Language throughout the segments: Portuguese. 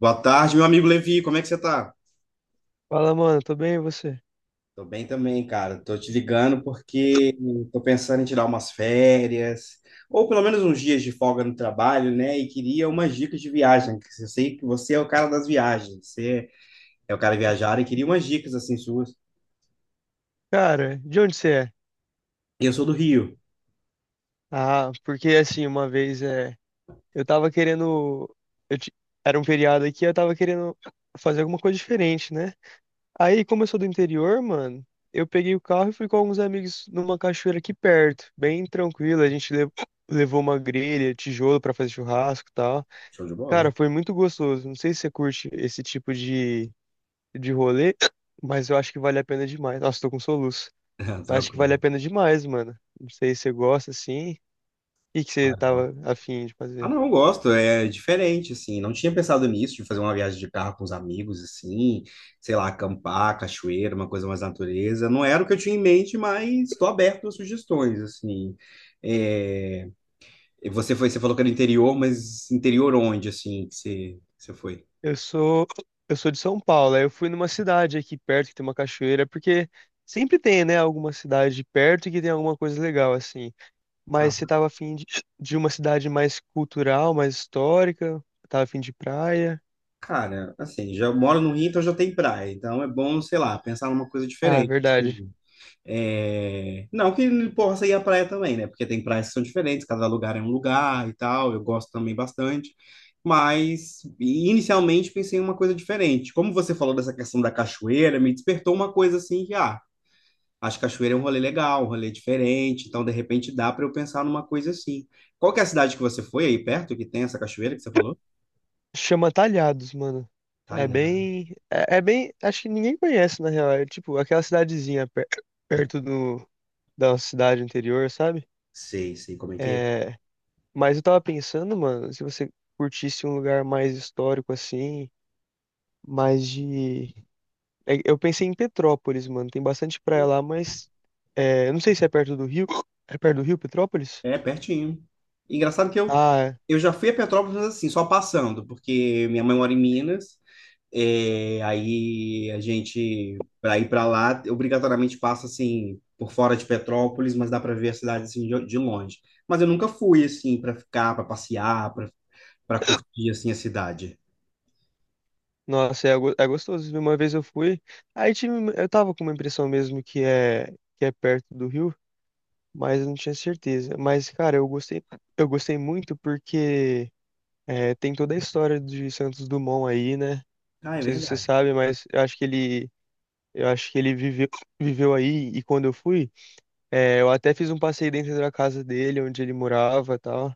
Boa tarde, meu amigo Levi, como é que você tá? Fala, mano, tô bem, e você? Tô bem também, cara. Tô te ligando porque tô pensando em tirar umas férias, ou pelo menos uns dias de folga no trabalho, né? E queria umas dicas de viagem, que eu sei que você é o cara das viagens, você é o cara viajado e queria umas dicas assim suas. Cara, de onde você é? E eu sou do Rio. Ah, porque assim, uma vez é, eu tava querendo, eu ti- era um feriado aqui, eu tava querendo fazer alguma coisa diferente, né? Aí, como eu sou do interior, mano, eu peguei o carro e fui com alguns amigos numa cachoeira aqui perto, bem tranquilo, a gente levou uma grelha, tijolo pra fazer churrasco e tal. Show de Cara, bola? foi muito gostoso. Não sei se você curte esse tipo de rolê, mas eu acho que vale a pena demais. Nossa, tô com soluço. Mas acho que vale a Tranquilo. pena demais, mano. Não sei se você gosta assim. O que que você tava afim de Ah, fazer? não, eu gosto, é diferente, assim, não tinha pensado nisso, de fazer uma viagem de carro com os amigos, assim, sei lá, acampar, cachoeira, uma coisa mais natureza, não era o que eu tinha em mente, mas estou aberto a sugestões, assim, é... e você foi, você falou que era interior, mas interior onde, assim, que você foi? Eu sou eu sou de São Paulo. Aí eu fui numa cidade aqui perto que tem uma cachoeira, porque sempre tem, né, alguma cidade perto que tem alguma coisa legal assim. Ah, Mas você tava afim de uma cidade mais cultural, mais histórica? Tava afim de praia? cara, assim, já moro no Rio, então já tem praia, então é bom, sei lá, pensar numa coisa Ah, diferente, verdade. assim. É, não que ele possa ir à praia também, né? Porque tem praias que são diferentes, cada lugar é um lugar e tal. Eu gosto também bastante. Mas inicialmente pensei em uma coisa diferente. Como você falou dessa questão da cachoeira, me despertou uma coisa assim que, ah, acho que cachoeira é um rolê legal, um rolê diferente. Então, de repente, dá para eu pensar numa coisa assim. Qual que é a cidade que você foi aí perto, que tem essa cachoeira que você falou? Chama Talhados, mano. É Talhão. bem. É, é bem. Acho que ninguém conhece, na real. É tipo aquela cidadezinha perto da cidade anterior, sabe? Sei, sei como é que É, mas eu tava pensando, mano, se você curtisse um lugar mais histórico assim, mais de. Eu pensei em Petrópolis, mano. Tem bastante praia lá, mas. Eu não sei se é perto do Rio. É perto do Rio, Petrópolis? é. É, pertinho. Engraçado que eu, Ah, é. eu já fui a Petrópolis, mas assim, só passando, porque minha mãe mora em Minas. É, aí a gente, para ir para lá, obrigatoriamente passa assim por fora de Petrópolis, mas dá para ver a cidade assim de longe. Mas eu nunca fui assim para ficar, para passear, para curtir assim a cidade. Nossa, é gostoso. Uma vez eu fui, aí tinha, eu tava com uma impressão mesmo que é perto do rio, mas eu não tinha certeza. Mas, cara, eu gostei muito porque tem toda a história de Santos Dumont aí, né? Ah, Não é sei se você verdade. sabe, mas eu acho que ele viveu aí e quando eu fui, eu até fiz um passeio dentro da casa dele, onde ele morava, e tal.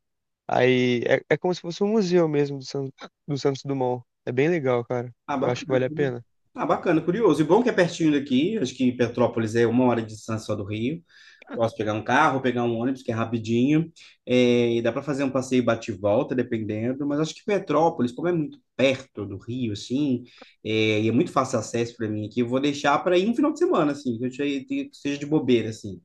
Aí é, é como se fosse um museu mesmo do Santos Dumont. É bem legal, cara. Ah, Eu acho que bacana. vale a curi- pena. Ah, bacana, curioso. E bom que é pertinho daqui. Acho que Petrópolis é uma hora de distância só do Rio. Posso pegar um carro, pegar um ônibus, que é rapidinho. É, e dá para fazer um passeio bate e volta, dependendo. Mas acho que Petrópolis, como é muito perto do Rio, assim, e é muito fácil acesso para mim aqui, eu vou deixar para ir um final de semana, assim, que seja de bobeira, assim.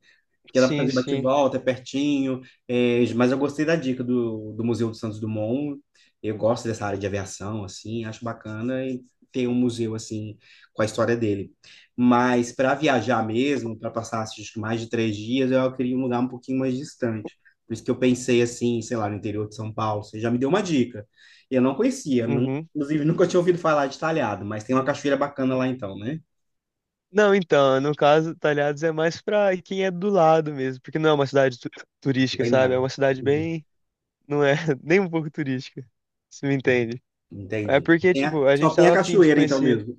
Porque dá para Sim, fazer sim. bate-volta, é pertinho. Mas eu gostei da dica do Museu do Santos Dumont. Eu gosto dessa área de aviação, assim, acho bacana e ter um museu assim com a história dele. Mas para viajar mesmo, para passar acho que mais de 3 dias, eu queria um lugar um pouquinho mais distante. Por isso que eu pensei assim, sei lá, no interior de São Paulo. Você já me deu uma dica. Eu não conhecia, Uhum. inclusive nunca tinha ouvido falar de Talhado, mas tem uma cachoeira bacana lá então, né? Não, então, no caso, Talhados é mais pra quem é do lado mesmo, porque não é uma cidade Não turística, tem sabe? É nada. uma cidade bem, não é nem um pouco turística, se me entende. É Entendi. porque, tipo, a gente Só tem a tava afim de cachoeira, então, conhecer. mesmo.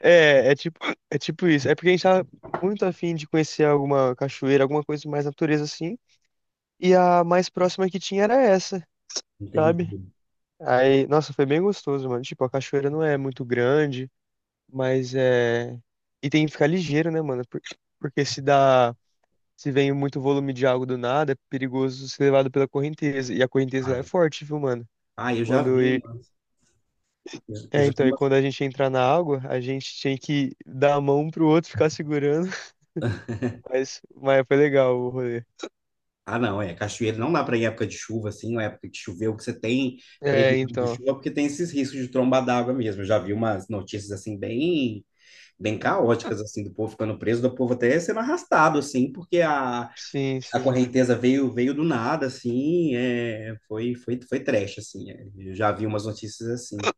É, é tipo, é tipo isso. É porque a gente tava muito afim de conhecer alguma cachoeira, alguma coisa mais natureza assim. E a mais próxima que tinha era essa, sabe? Entendi. Aí, nossa, foi bem gostoso, mano. Tipo, a cachoeira não é muito grande. Mas é. E tem que ficar ligeiro, né, mano? Porque se dá. Se vem muito volume de água do nada, é perigoso ser levado pela correnteza. E a correnteza lá é Ah, forte, viu, mano? ah, eu já Quando. vi e- umas. Eu É, já vi então, e umas. quando a gente entrar na água, a gente tinha que dar a mão pro outro ficar segurando. Mas, foi legal o rolê. Ah, não, é. Cachoeira não dá para ir em época de chuva, assim, ou época que choveu, que você tem É, previsão de então. chuva, porque tem esses riscos de tromba d'água mesmo. Eu já vi umas notícias, assim, bem caóticas, assim, do povo ficando preso, do povo até sendo arrastado, assim, porque a, Sim, a sim. correnteza veio do nada, assim, foi trash, assim. É. Eu já vi umas notícias assim.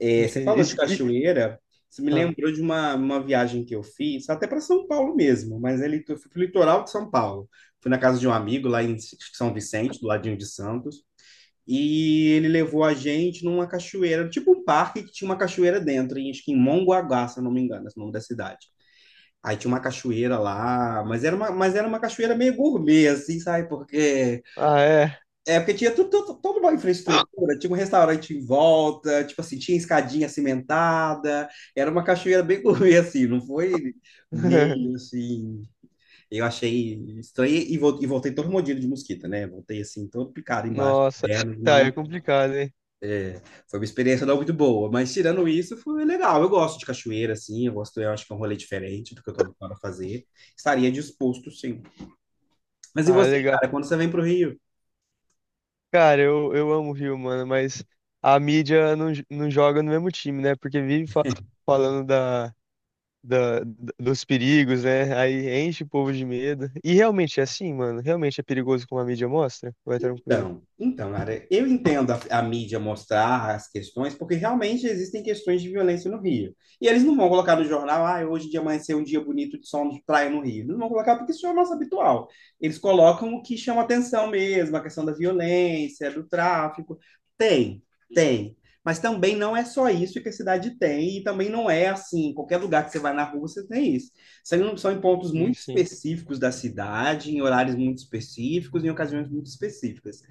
É, você Entendi. falou de cachoeira, isso me Ah, lembrou de uma viagem que eu fiz, até para São Paulo mesmo, mas ele, eu fui para o litoral de São Paulo. Fui na casa de um amigo lá em São Vicente, do ladinho de Santos, e ele levou a gente numa cachoeira, tipo um parque que tinha uma cachoeira dentro, em, acho que em Mongaguá, se eu não me engano, esse é o nome da cidade. Aí tinha uma cachoeira lá, mas era uma cachoeira meio gourmet, assim, sabe? Porque Ah, é. Porque tinha tudo, toda uma infraestrutura, tinha um restaurante em volta, tipo assim, tinha escadinha cimentada, era uma cachoeira bem gourmet, assim, não foi meio assim. Eu achei estranho e e voltei todo mordido de mosquito, né? Voltei assim, todo picado embaixo das Nossa. pernas, Tá, é não. complicado, hein? Foi uma experiência não muito boa, mas tirando isso, foi legal. Eu gosto de cachoeira, assim, eu gosto, eu acho que é um rolê diferente do que eu tô habituado a fazer. Estaria disposto, sim. Mas e Ah, é você, legal. cara, quando você vem pro Rio? Cara, eu amo o Rio, mano, mas a mídia não joga no mesmo time, né? Porque vive falando dos perigos, né? Aí enche o povo de medo. E realmente é assim, mano. Realmente é perigoso como a mídia mostra? Vai tranquilo. Então, Lara, eu entendo a mídia mostrar as questões, porque realmente existem questões de violência no Rio. E eles não vão colocar no jornal, ah, hoje de amanhecer um dia bonito de sol de praia no Rio. Não vão colocar porque isso é o nosso habitual. Eles colocam o que chama atenção mesmo, a questão da violência, do tráfico. Tem, tem. Mas também não é só isso que a cidade tem, e também não é assim, qualquer lugar que você vai na rua você tem isso. São em pontos muito Isso, sim. específicos da cidade, em horários muito específicos, em ocasiões muito específicas.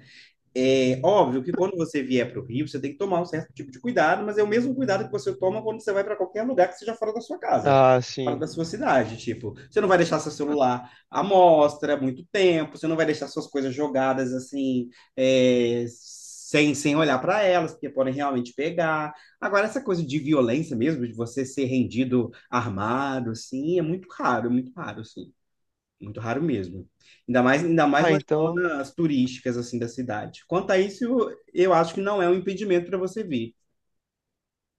É óbvio que quando você vier para o Rio, você tem que tomar um certo tipo de cuidado, mas é o mesmo cuidado que você toma quando você vai para qualquer lugar que seja fora da sua casa, Ah, fora sim. da sua cidade. Tipo, você não vai deixar seu celular à mostra muito tempo, você não vai deixar suas coisas jogadas assim, sem olhar para elas, porque podem realmente pegar. Agora, essa coisa de violência mesmo, de você ser rendido armado, assim, é muito raro, assim. Muito raro mesmo. Ainda mais Ah, nas então. zonas turísticas assim da cidade. Quanto a isso, eu acho que não é um impedimento para você vir.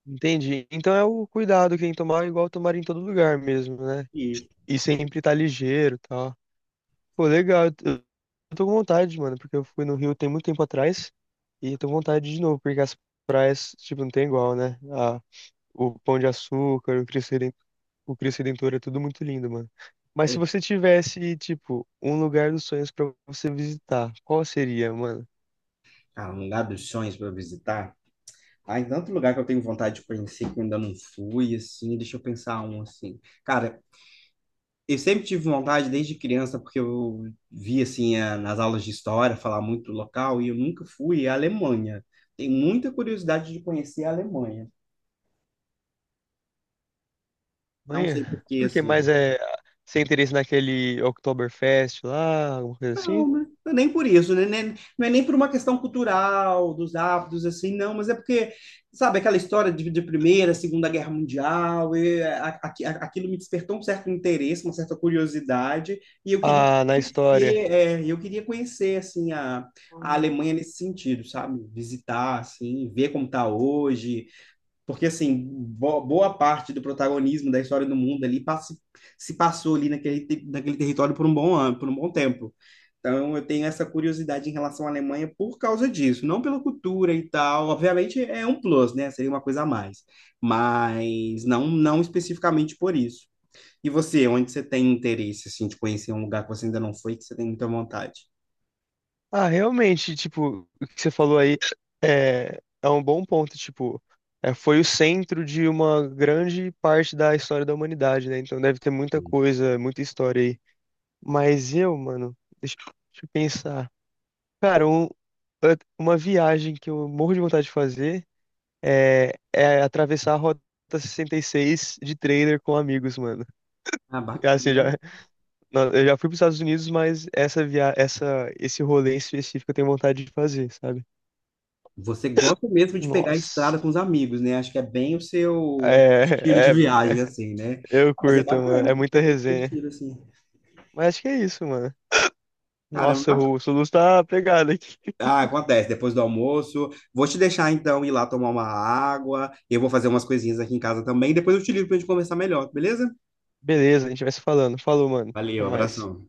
Entendi. Então é o cuidado que tem que tomar, igual tomar em todo lugar mesmo, né? Isso. E sempre tá ligeiro, e tal. Pô, legal. Eu tô com vontade, mano, porque eu fui no Rio tem muito tempo atrás e eu tô com vontade de novo, porque as praias, tipo, não tem igual, né? Ah, o Pão de Açúcar, o Cristo Redentor é tudo muito lindo, mano. Mas se É, você tivesse, tipo, um lugar dos sonhos pra você visitar, qual seria, mano? cara, um lugar dos sonhos para visitar. Em tanto lugar que eu tenho vontade de conhecer que eu ainda não fui, assim, deixa eu pensar um assim. Cara, eu sempre tive vontade desde criança, porque eu vi assim nas aulas de história falar muito local e eu nunca fui à Alemanha. Tenho muita curiosidade de conhecer a Alemanha. Não sei por Amanhã? que Porque assim. mais é sem interesse naquele Oktoberfest lá, alguma coisa Não, assim? né? Não é nem por isso, né? Não é nem por uma questão cultural, dos hábitos, assim, não, mas é porque, sabe, aquela história de Primeira, Segunda Guerra Mundial, e aquilo me despertou um certo interesse, uma certa curiosidade, e Ah, na história. Eu queria conhecer, assim, a Alemanha nesse sentido, sabe? Visitar, assim, ver como está hoje, porque, assim, boa parte do protagonismo da história do mundo ali se passou ali naquele, naquele território por um bom ano, por um bom tempo. Então, eu tenho essa curiosidade em relação à Alemanha por causa disso, não pela cultura e tal. Obviamente, é um plus, né? Seria uma coisa a mais. Mas não, não especificamente por isso. E você, onde você tem interesse, assim, de conhecer um lugar que você ainda não foi, que você tem muita vontade? Ah, realmente, tipo, o que você falou aí é um bom ponto, tipo, foi o centro de uma grande parte da história da humanidade, né? Então deve ter muita coisa, muita história aí. Mas eu, mano, deixa eu pensar. Cara, uma viagem que eu morro de vontade de fazer é atravessar a Rota 66 de trailer com amigos, mano. Ah, É, assim, bacana. não, eu já fui para os Estados Unidos, mas esse rolê em específico eu tenho vontade de fazer, sabe? Você gosta mesmo de pegar a estrada Nossa. com os amigos, né? Acho que é bem o seu estilo de É, é, viagem, é- assim, né? eu Ah, mas é curto, mano. bacana, É porque muita é bem resenha. divertido, assim. Mas acho que é isso, mano. Caramba, Nossa, bac- o Soluz tá pegado aqui. ah, acontece, depois do almoço. Vou te deixar, então, ir lá tomar uma água. Eu vou fazer umas coisinhas aqui em casa também. Depois eu te ligo pra gente conversar melhor, beleza? Beleza, a gente vai se falando. Falou, mano. Até Valeu, mais. abração.